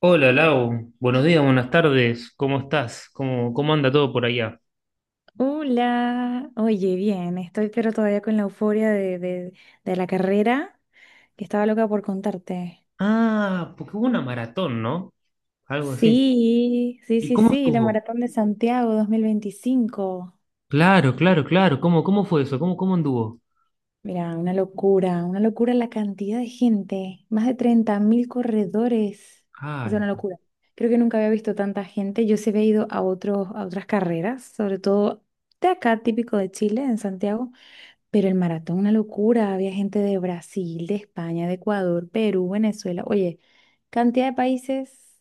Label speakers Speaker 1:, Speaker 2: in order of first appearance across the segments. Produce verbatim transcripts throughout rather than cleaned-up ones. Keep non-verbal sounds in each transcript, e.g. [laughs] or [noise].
Speaker 1: Hola Lau, buenos días, buenas tardes, ¿cómo estás? ¿Cómo, cómo anda todo por allá?
Speaker 2: Hola, oye, bien, estoy pero todavía con la euforia de, de, de la carrera, que estaba loca por contarte.
Speaker 1: Ah, porque hubo una maratón, ¿no? Algo así.
Speaker 2: Sí, sí,
Speaker 1: ¿Y
Speaker 2: sí,
Speaker 1: cómo
Speaker 2: sí, la
Speaker 1: estuvo?
Speaker 2: Maratón de Santiago dos mil veinticinco.
Speaker 1: Claro, claro, claro, ¿cómo, cómo fue eso? ¿Cómo, cómo anduvo?
Speaker 2: Mira, una locura, una locura la cantidad de gente, más de treinta mil corredores, o
Speaker 1: Ah,
Speaker 2: sea, una locura. Creo que nunca había visto tanta gente, yo se había ido a, otros, a otras carreras, sobre todo de acá, típico de Chile, en Santiago. Pero el maratón, una locura. Había gente de Brasil, de España, de Ecuador, Perú, Venezuela. Oye, cantidad de países,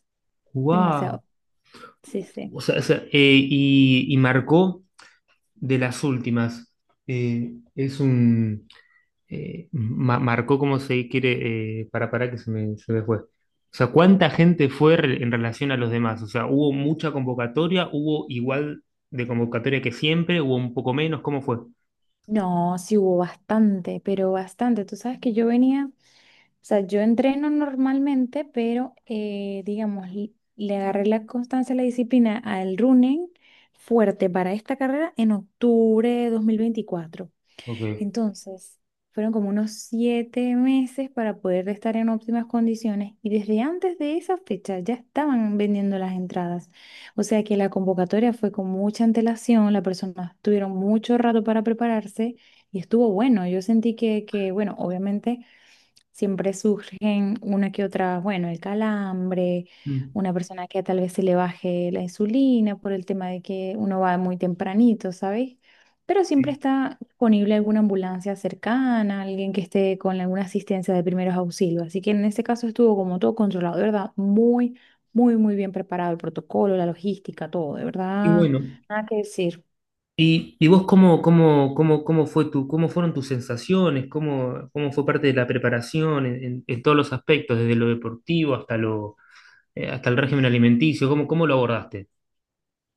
Speaker 1: wow.
Speaker 2: demasiado. Sí, sí.
Speaker 1: O sea, o sea, eh, y, y marcó de las últimas. Eh, es un, eh, ma- Marcó cómo se quiere, eh, para, para que se me, se me fue. O sea, ¿cuánta gente fue re- en relación a los demás? O sea, ¿hubo mucha convocatoria? ¿Hubo igual de convocatoria que siempre? ¿Hubo un poco menos? ¿Cómo fue?
Speaker 2: No, sí hubo bastante, pero bastante. Tú sabes que yo venía, o sea, yo entreno normalmente, pero eh, digamos, l- le agarré la constancia, la disciplina al running fuerte para esta carrera en octubre de dos mil veinticuatro.
Speaker 1: Ok.
Speaker 2: Entonces, fueron como unos siete meses para poder estar en óptimas condiciones y desde antes de esa fecha ya estaban vendiendo las entradas. O sea que la convocatoria fue con mucha antelación, las personas tuvieron mucho rato para prepararse y estuvo bueno. Yo sentí que, que bueno, obviamente. Siempre surgen una que otra, bueno, el calambre,
Speaker 1: Mm.
Speaker 2: una persona que tal vez se le baje la insulina por el tema de que uno va muy tempranito, ¿sabes? Pero siempre
Speaker 1: Sí.
Speaker 2: está disponible alguna ambulancia cercana, alguien que esté con alguna asistencia de primeros auxilios. Así que en este caso estuvo como todo controlado, de verdad, muy, muy, muy bien preparado el protocolo, la logística, todo, de
Speaker 1: Y
Speaker 2: verdad,
Speaker 1: bueno,
Speaker 2: nada que decir.
Speaker 1: ¿y, y vos cómo, cómo, cómo, cómo fue tu, cómo fueron tus sensaciones? ¿Cómo, cómo fue parte de la preparación en, en- en todos los aspectos, desde lo deportivo hasta lo, eh, hasta el régimen alimenticio? ¿Cómo, cómo lo abordaste?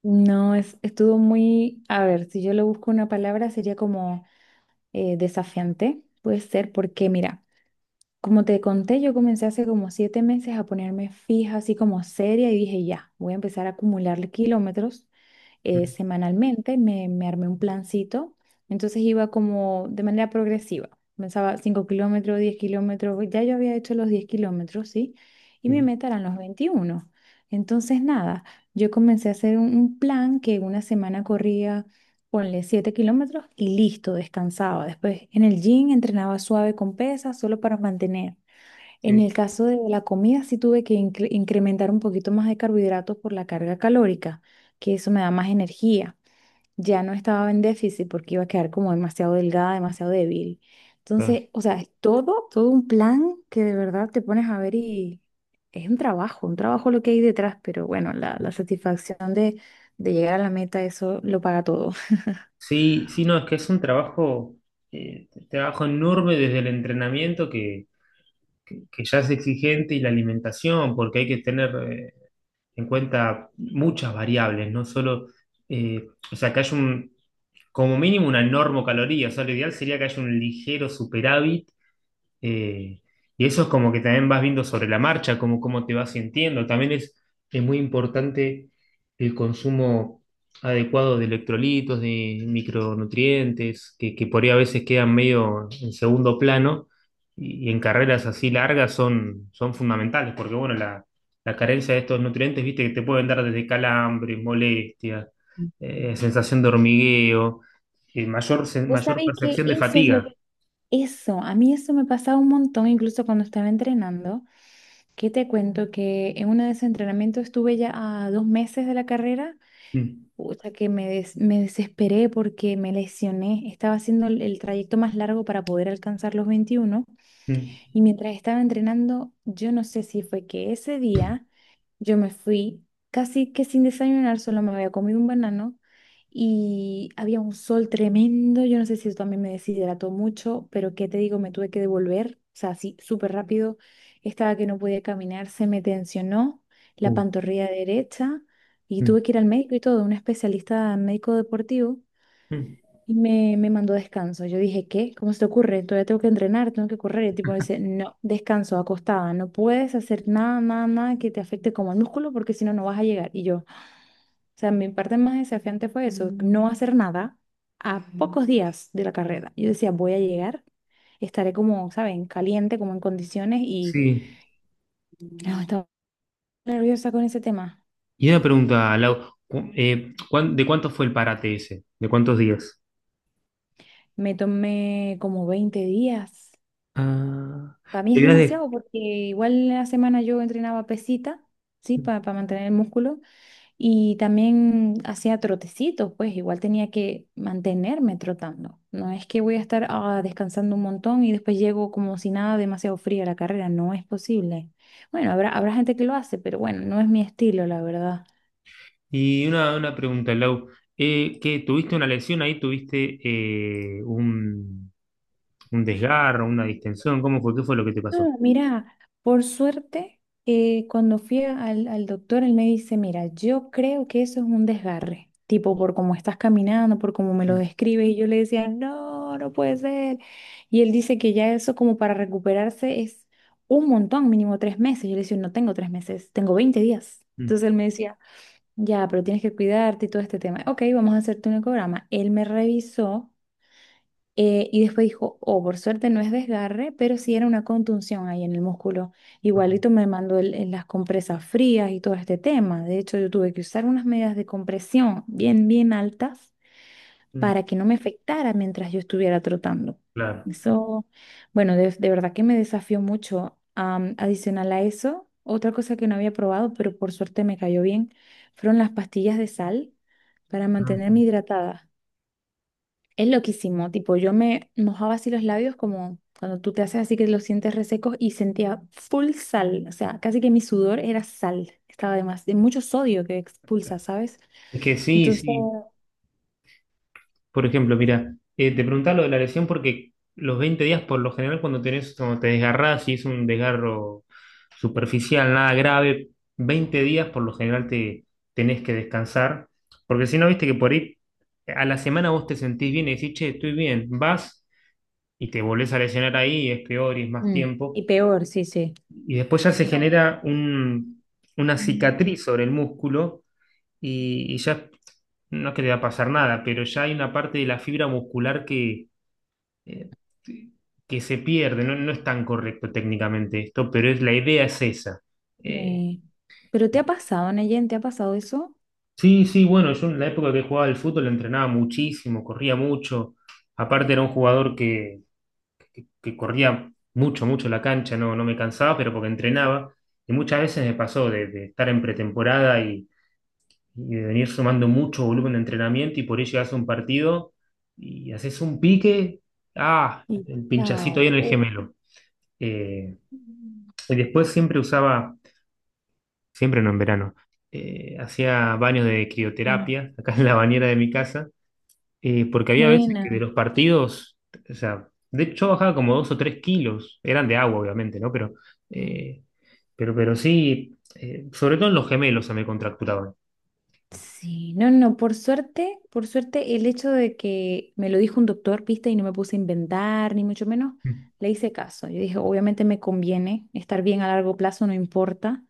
Speaker 2: No, es, estuvo muy, a ver, si yo le busco una palabra sería como eh, desafiante. Puede ser porque, mira, como te conté, yo comencé hace como siete meses a ponerme fija, así como seria, y dije, ya, voy a empezar a acumularle kilómetros eh,
Speaker 1: Mm.
Speaker 2: semanalmente, me, me armé un plancito, entonces iba como de manera progresiva, pensaba cinco kilómetros, diez kilómetros, ya yo había hecho los diez kilómetros, ¿sí? Y mi
Speaker 1: Sí,
Speaker 2: meta eran los veintiuno. Entonces, nada, yo comencé a hacer un, un plan que una semana corría, ponle siete kilómetros y listo, descansaba. Después en el gym entrenaba suave con pesas solo para mantener. En
Speaker 1: sí.
Speaker 2: el caso de la comida, sí tuve que incre- incrementar un poquito más de carbohidratos por la carga calórica, que eso me da más energía. Ya no estaba en déficit porque iba a quedar como demasiado delgada, demasiado débil.
Speaker 1: Claro.
Speaker 2: Entonces, o sea, es todo, todo un plan que de verdad te pones a ver y es un trabajo, un trabajo lo que hay detrás, pero bueno, la, la satisfacción de, de llegar a la meta, eso lo paga todo.
Speaker 1: Sí, sí, no, es que es un trabajo, eh, trabajo enorme desde el entrenamiento que, que- que ya es exigente, y la alimentación, porque hay que tener eh, en cuenta muchas variables, no solo, eh, o sea, que haya un, como mínimo una normocaloría, o sea, lo ideal sería que haya un ligero superávit, eh, y eso es como que también vas viendo sobre la marcha, cómo, cómo te vas sintiendo. También es, es muy importante el consumo adecuado de electrolitos, de micronutrientes, que, que por ahí a veces quedan medio en segundo plano y, y en carreras así largas son, son fundamentales, porque bueno, la, la carencia de estos nutrientes, viste, que te pueden dar desde calambres, molestias,
Speaker 2: Ujú.
Speaker 1: eh, sensación de hormigueo, eh, mayor, sen-
Speaker 2: Vos
Speaker 1: mayor
Speaker 2: sabéis que
Speaker 1: percepción de
Speaker 2: eso es lo,
Speaker 1: fatiga.
Speaker 2: eso, a mí eso me pasaba un montón, incluso cuando estaba entrenando. ¿Qué te cuento? Que en uno de esos entrenamientos estuve ya a dos meses de la carrera,
Speaker 1: Mm,
Speaker 2: pucha, que me, des- me desesperé porque me lesioné. Estaba haciendo el, el trayecto más largo para poder alcanzar los veintiuno.
Speaker 1: mm.
Speaker 2: Y mientras estaba entrenando, yo no sé si fue que ese día yo me fui casi que sin desayunar, solo me había comido un banano y había un sol tremendo. Yo no sé si eso también me deshidrató mucho, pero qué te digo, me tuve que devolver, o sea, así súper rápido. Estaba que no podía caminar, se me tensionó la
Speaker 1: Uh.
Speaker 2: pantorrilla derecha y
Speaker 1: Mm,
Speaker 2: tuve que ir al médico y todo, un especialista médico deportivo.
Speaker 1: mm.
Speaker 2: Y me, me mandó descanso. Yo dije, ¿qué? ¿Cómo se te ocurre? Todavía tengo que entrenar, tengo que correr. Y el tipo me dice, no, descanso, acostada. No puedes hacer nada, nada, nada que te afecte como el músculo porque si no, no vas a llegar. Y yo, o sea, mi parte más desafiante fue eso, no hacer nada a pocos días de la carrera. Yo decía, voy a llegar, estaré como, ¿saben? Caliente, como en condiciones y
Speaker 1: Sí.
Speaker 2: no, estaba nerviosa con ese tema.
Speaker 1: Y una pregunta, Lau, cu- eh, ¿cuán- ¿de cuánto fue el parate ese? ¿De cuántos días?
Speaker 2: Me tomé como veinte días.
Speaker 1: Ah,
Speaker 2: Para mí
Speaker 1: te
Speaker 2: es
Speaker 1: habías dej-
Speaker 2: demasiado porque igual la semana yo entrenaba pesita, ¿sí? Para mantener el músculo y también hacía trotecitos, pues igual tenía que mantenerme trotando. No es que voy a estar ah, descansando un montón y después llego como si nada demasiado fría a la carrera, no es posible. Bueno, habrá, habrá gente que lo hace, pero bueno, no es mi estilo, la verdad.
Speaker 1: Y una, una pregunta, Lau, eh, ¿qué, tuviste una lesión ahí? ¿Tuviste eh, un, un desgarro, una distensión? ¿Cómo fue? ¿Qué fue lo que te pasó?
Speaker 2: Mira, por suerte, eh, cuando fui al, al doctor, él me dice, mira, yo creo que eso es un desgarre, tipo por cómo estás caminando, por cómo me lo
Speaker 1: Mm,
Speaker 2: describes, y yo le decía, no, no puede ser. Y él dice que ya eso como para recuperarse es un montón, mínimo tres meses. Yo le decía, no tengo tres meses, tengo veinte días.
Speaker 1: mm,
Speaker 2: Entonces él me decía, ya, pero tienes que cuidarte y todo este tema. Ok, vamos a hacerte un ecograma. Él me revisó. Eh, y después dijo, oh, por suerte no es desgarre, pero sí era una contunción ahí en el músculo.
Speaker 1: ok,
Speaker 2: Igualito me mandó el- el- las compresas frías y todo este tema. De hecho, yo tuve que usar unas medidas de compresión bien, bien altas
Speaker 1: mm.
Speaker 2: para que no me afectara mientras yo estuviera trotando.
Speaker 1: Claro.
Speaker 2: Eso, bueno, de, de verdad que me desafió mucho. Am, adicional a eso, otra cosa que no había probado, pero por suerte me cayó bien, fueron las pastillas de sal para
Speaker 1: Ah,
Speaker 2: mantenerme
Speaker 1: sí.
Speaker 2: hidratada. Es loquísimo, tipo, yo me mojaba así los labios como cuando tú te haces así que los sientes resecos y sentía full sal, o sea, casi que mi sudor era sal, estaba además de mucho sodio que expulsa, ¿sabes?
Speaker 1: Es que sí,
Speaker 2: Entonces,
Speaker 1: sí. Por ejemplo, mira, eh, te preguntaba lo de la lesión porque los veinte días, por lo general, cuando tenés, cuando te desgarrás, si es un desgarro superficial, nada grave, veinte días por lo general te tenés que descansar, porque si no, viste que por ahí a la semana vos te sentís bien y decís, che, estoy bien, vas y te volvés a lesionar ahí, y es peor y es más
Speaker 2: Mm,
Speaker 1: tiempo,
Speaker 2: y peor, sí, sí.
Speaker 1: y después ya se
Speaker 2: No.
Speaker 1: genera un- una
Speaker 2: mm,
Speaker 1: cicatriz sobre el músculo y, y ya no es que te va a pasar nada, pero ya hay una parte de la fibra muscular que, eh, que se pierde. No, no es tan correcto técnicamente esto, pero es, la idea es esa. Eh,
Speaker 2: eh, ¿pero te ha pasado, Neyen? ¿Te ha pasado eso?
Speaker 1: sí, sí, bueno, yo en la época que jugaba al fútbol entrenaba muchísimo, corría mucho. Aparte era un jugador que, que corría mucho, mucho la cancha, no, no me cansaba, pero porque entrenaba. Y muchas veces me pasó de, de estar en pretemporada y de venir sumando mucho volumen de entrenamiento, y por ahí llegas a un partido y haces un pique, ah,
Speaker 2: Mm.
Speaker 1: el pinchacito ahí
Speaker 2: Chao.
Speaker 1: en el
Speaker 2: Uh,
Speaker 1: gemelo. Eh,
Speaker 2: Mm.
Speaker 1: y después siempre usaba, siempre no en verano, eh, hacía baños de
Speaker 2: Ah,
Speaker 1: crioterapia [laughs] acá en la bañera de mi casa, eh, porque había veces que de
Speaker 2: buena.
Speaker 1: los partidos, o sea, de hecho yo bajaba como dos o tres kilos, eran de agua obviamente, ¿no? Pero, eh, pero, pero sí, eh, sobre todo en los gemelos se me contracturaban.
Speaker 2: Sí, no, no, no, por suerte, por suerte el hecho de que me lo dijo un doctor, viste, y no me puse a inventar, ni mucho menos, le hice caso. Yo dije, obviamente me conviene estar bien a largo plazo, no importa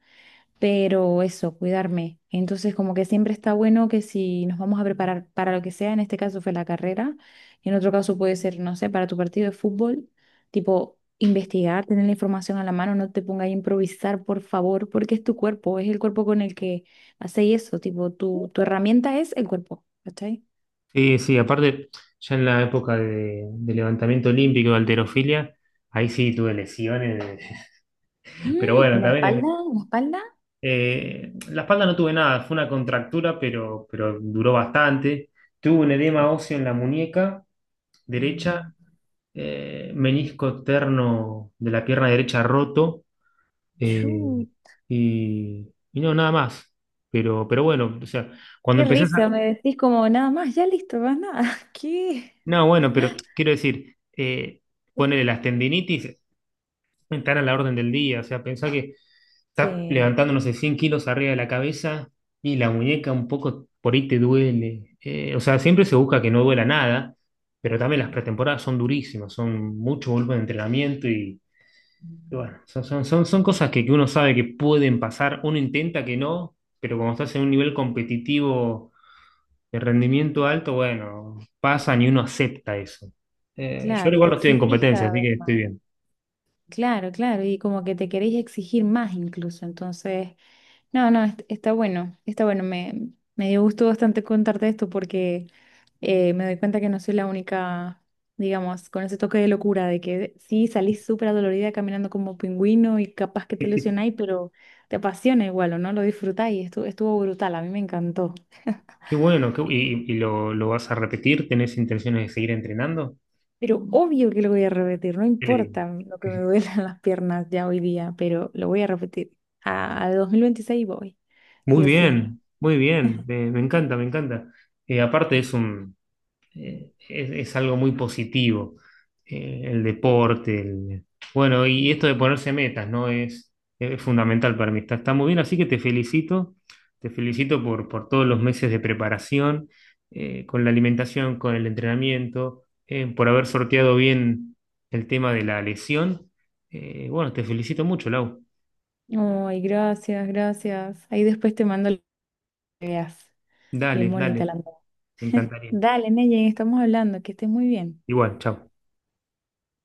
Speaker 2: pero eso, cuidarme. Entonces, como que siempre está bueno que si nos vamos a preparar para lo que sea, en este caso fue la carrera, en otro caso puede ser, no sé, para tu partido de fútbol, tipo investigar, tener la información a la mano, no te pongas a improvisar, por favor, porque es tu cuerpo, es el cuerpo con el que hacéis eso, tipo tu, tu herramienta es el cuerpo, ¿cachai?
Speaker 1: Sí, sí, aparte, ya en la época de, de levantamiento olímpico de halterofilia, ahí sí tuve lesiones, [laughs] pero
Speaker 2: Mm, ¿y
Speaker 1: bueno,
Speaker 2: la
Speaker 1: también
Speaker 2: espalda?
Speaker 1: en-
Speaker 2: ¿En ¿La espalda?
Speaker 1: eh, la espalda no tuve nada, fue una contractura, pero, pero duró bastante. Tuve un edema óseo en la muñeca derecha,
Speaker 2: Mm.
Speaker 1: eh, menisco terno de la pierna derecha roto, eh,
Speaker 2: Chu,
Speaker 1: y, y no, nada más. Pero, pero bueno, o sea, cuando
Speaker 2: qué
Speaker 1: empezás
Speaker 2: risa,
Speaker 1: a...
Speaker 2: me decís como nada más, ya listo, más nada. [laughs] ¿Qué?
Speaker 1: No, bueno, pero quiero decir... eh, Ponele las tendinitis, estar a la orden del día. O sea, pensá que estás
Speaker 2: Sí.
Speaker 1: levantando, no sé, cien kilos arriba de la cabeza y la muñeca un poco por ahí te duele. Eh, o sea, siempre se busca que no duela nada, pero también las pretemporadas son durísimas, son mucho volumen de entrenamiento, y, y bueno, son, son, son, son cosas que, que uno sabe que pueden pasar, uno intenta que no, pero cuando estás en un nivel competitivo de rendimiento alto, bueno, pasan y uno acepta eso. Eh, yo
Speaker 2: Claro, y
Speaker 1: igual
Speaker 2: te
Speaker 1: no estoy en
Speaker 2: exigís
Speaker 1: competencia,
Speaker 2: cada
Speaker 1: así
Speaker 2: vez
Speaker 1: que estoy
Speaker 2: más.
Speaker 1: bien.
Speaker 2: Claro, claro, y como que te queréis exigir más incluso. Entonces, no, no, est- está bueno, está bueno. Me, me dio gusto bastante contarte esto porque eh, me doy cuenta que no soy la única, digamos, con ese toque de locura de que sí salís súper adolorida caminando como pingüino y capaz que te
Speaker 1: [laughs]
Speaker 2: lesionáis, pero te apasiona igual, ¿o no? Lo disfrutáis. Estuvo, estuvo brutal, a mí me encantó.
Speaker 1: Qué bueno, qué bu- ¿y, y lo, lo vas a repetir? ¿Tenés intenciones de seguir entrenando?
Speaker 2: Pero obvio que lo voy a repetir, no
Speaker 1: Qué lindo.
Speaker 2: importa lo que me duelan [laughs] las piernas ya hoy día, pero lo voy a repetir. A, a dos mil veintiséis voy,
Speaker 1: Muy
Speaker 2: sí o sí.
Speaker 1: bien, muy bien, me, me encanta, me encanta. Eh, aparte es un, eh, es, es algo muy positivo, eh, el deporte, el- bueno, y esto de ponerse metas, ¿no? Es, es fundamental para mí, está, está muy bien, así que te felicito, te felicito por, por todos los meses de preparación, eh, con la alimentación, con el entrenamiento, eh, por haber sorteado bien el tema de la lesión. Eh, bueno, te felicito mucho, Lau.
Speaker 2: Ay, gracias, gracias. Ahí después te mando lo que veas. Bien
Speaker 1: Dale,
Speaker 2: bonita
Speaker 1: dale,
Speaker 2: la moda.
Speaker 1: me encantaría.
Speaker 2: Dale, Neyen, estamos hablando, que estés muy bien.
Speaker 1: Igual, chao.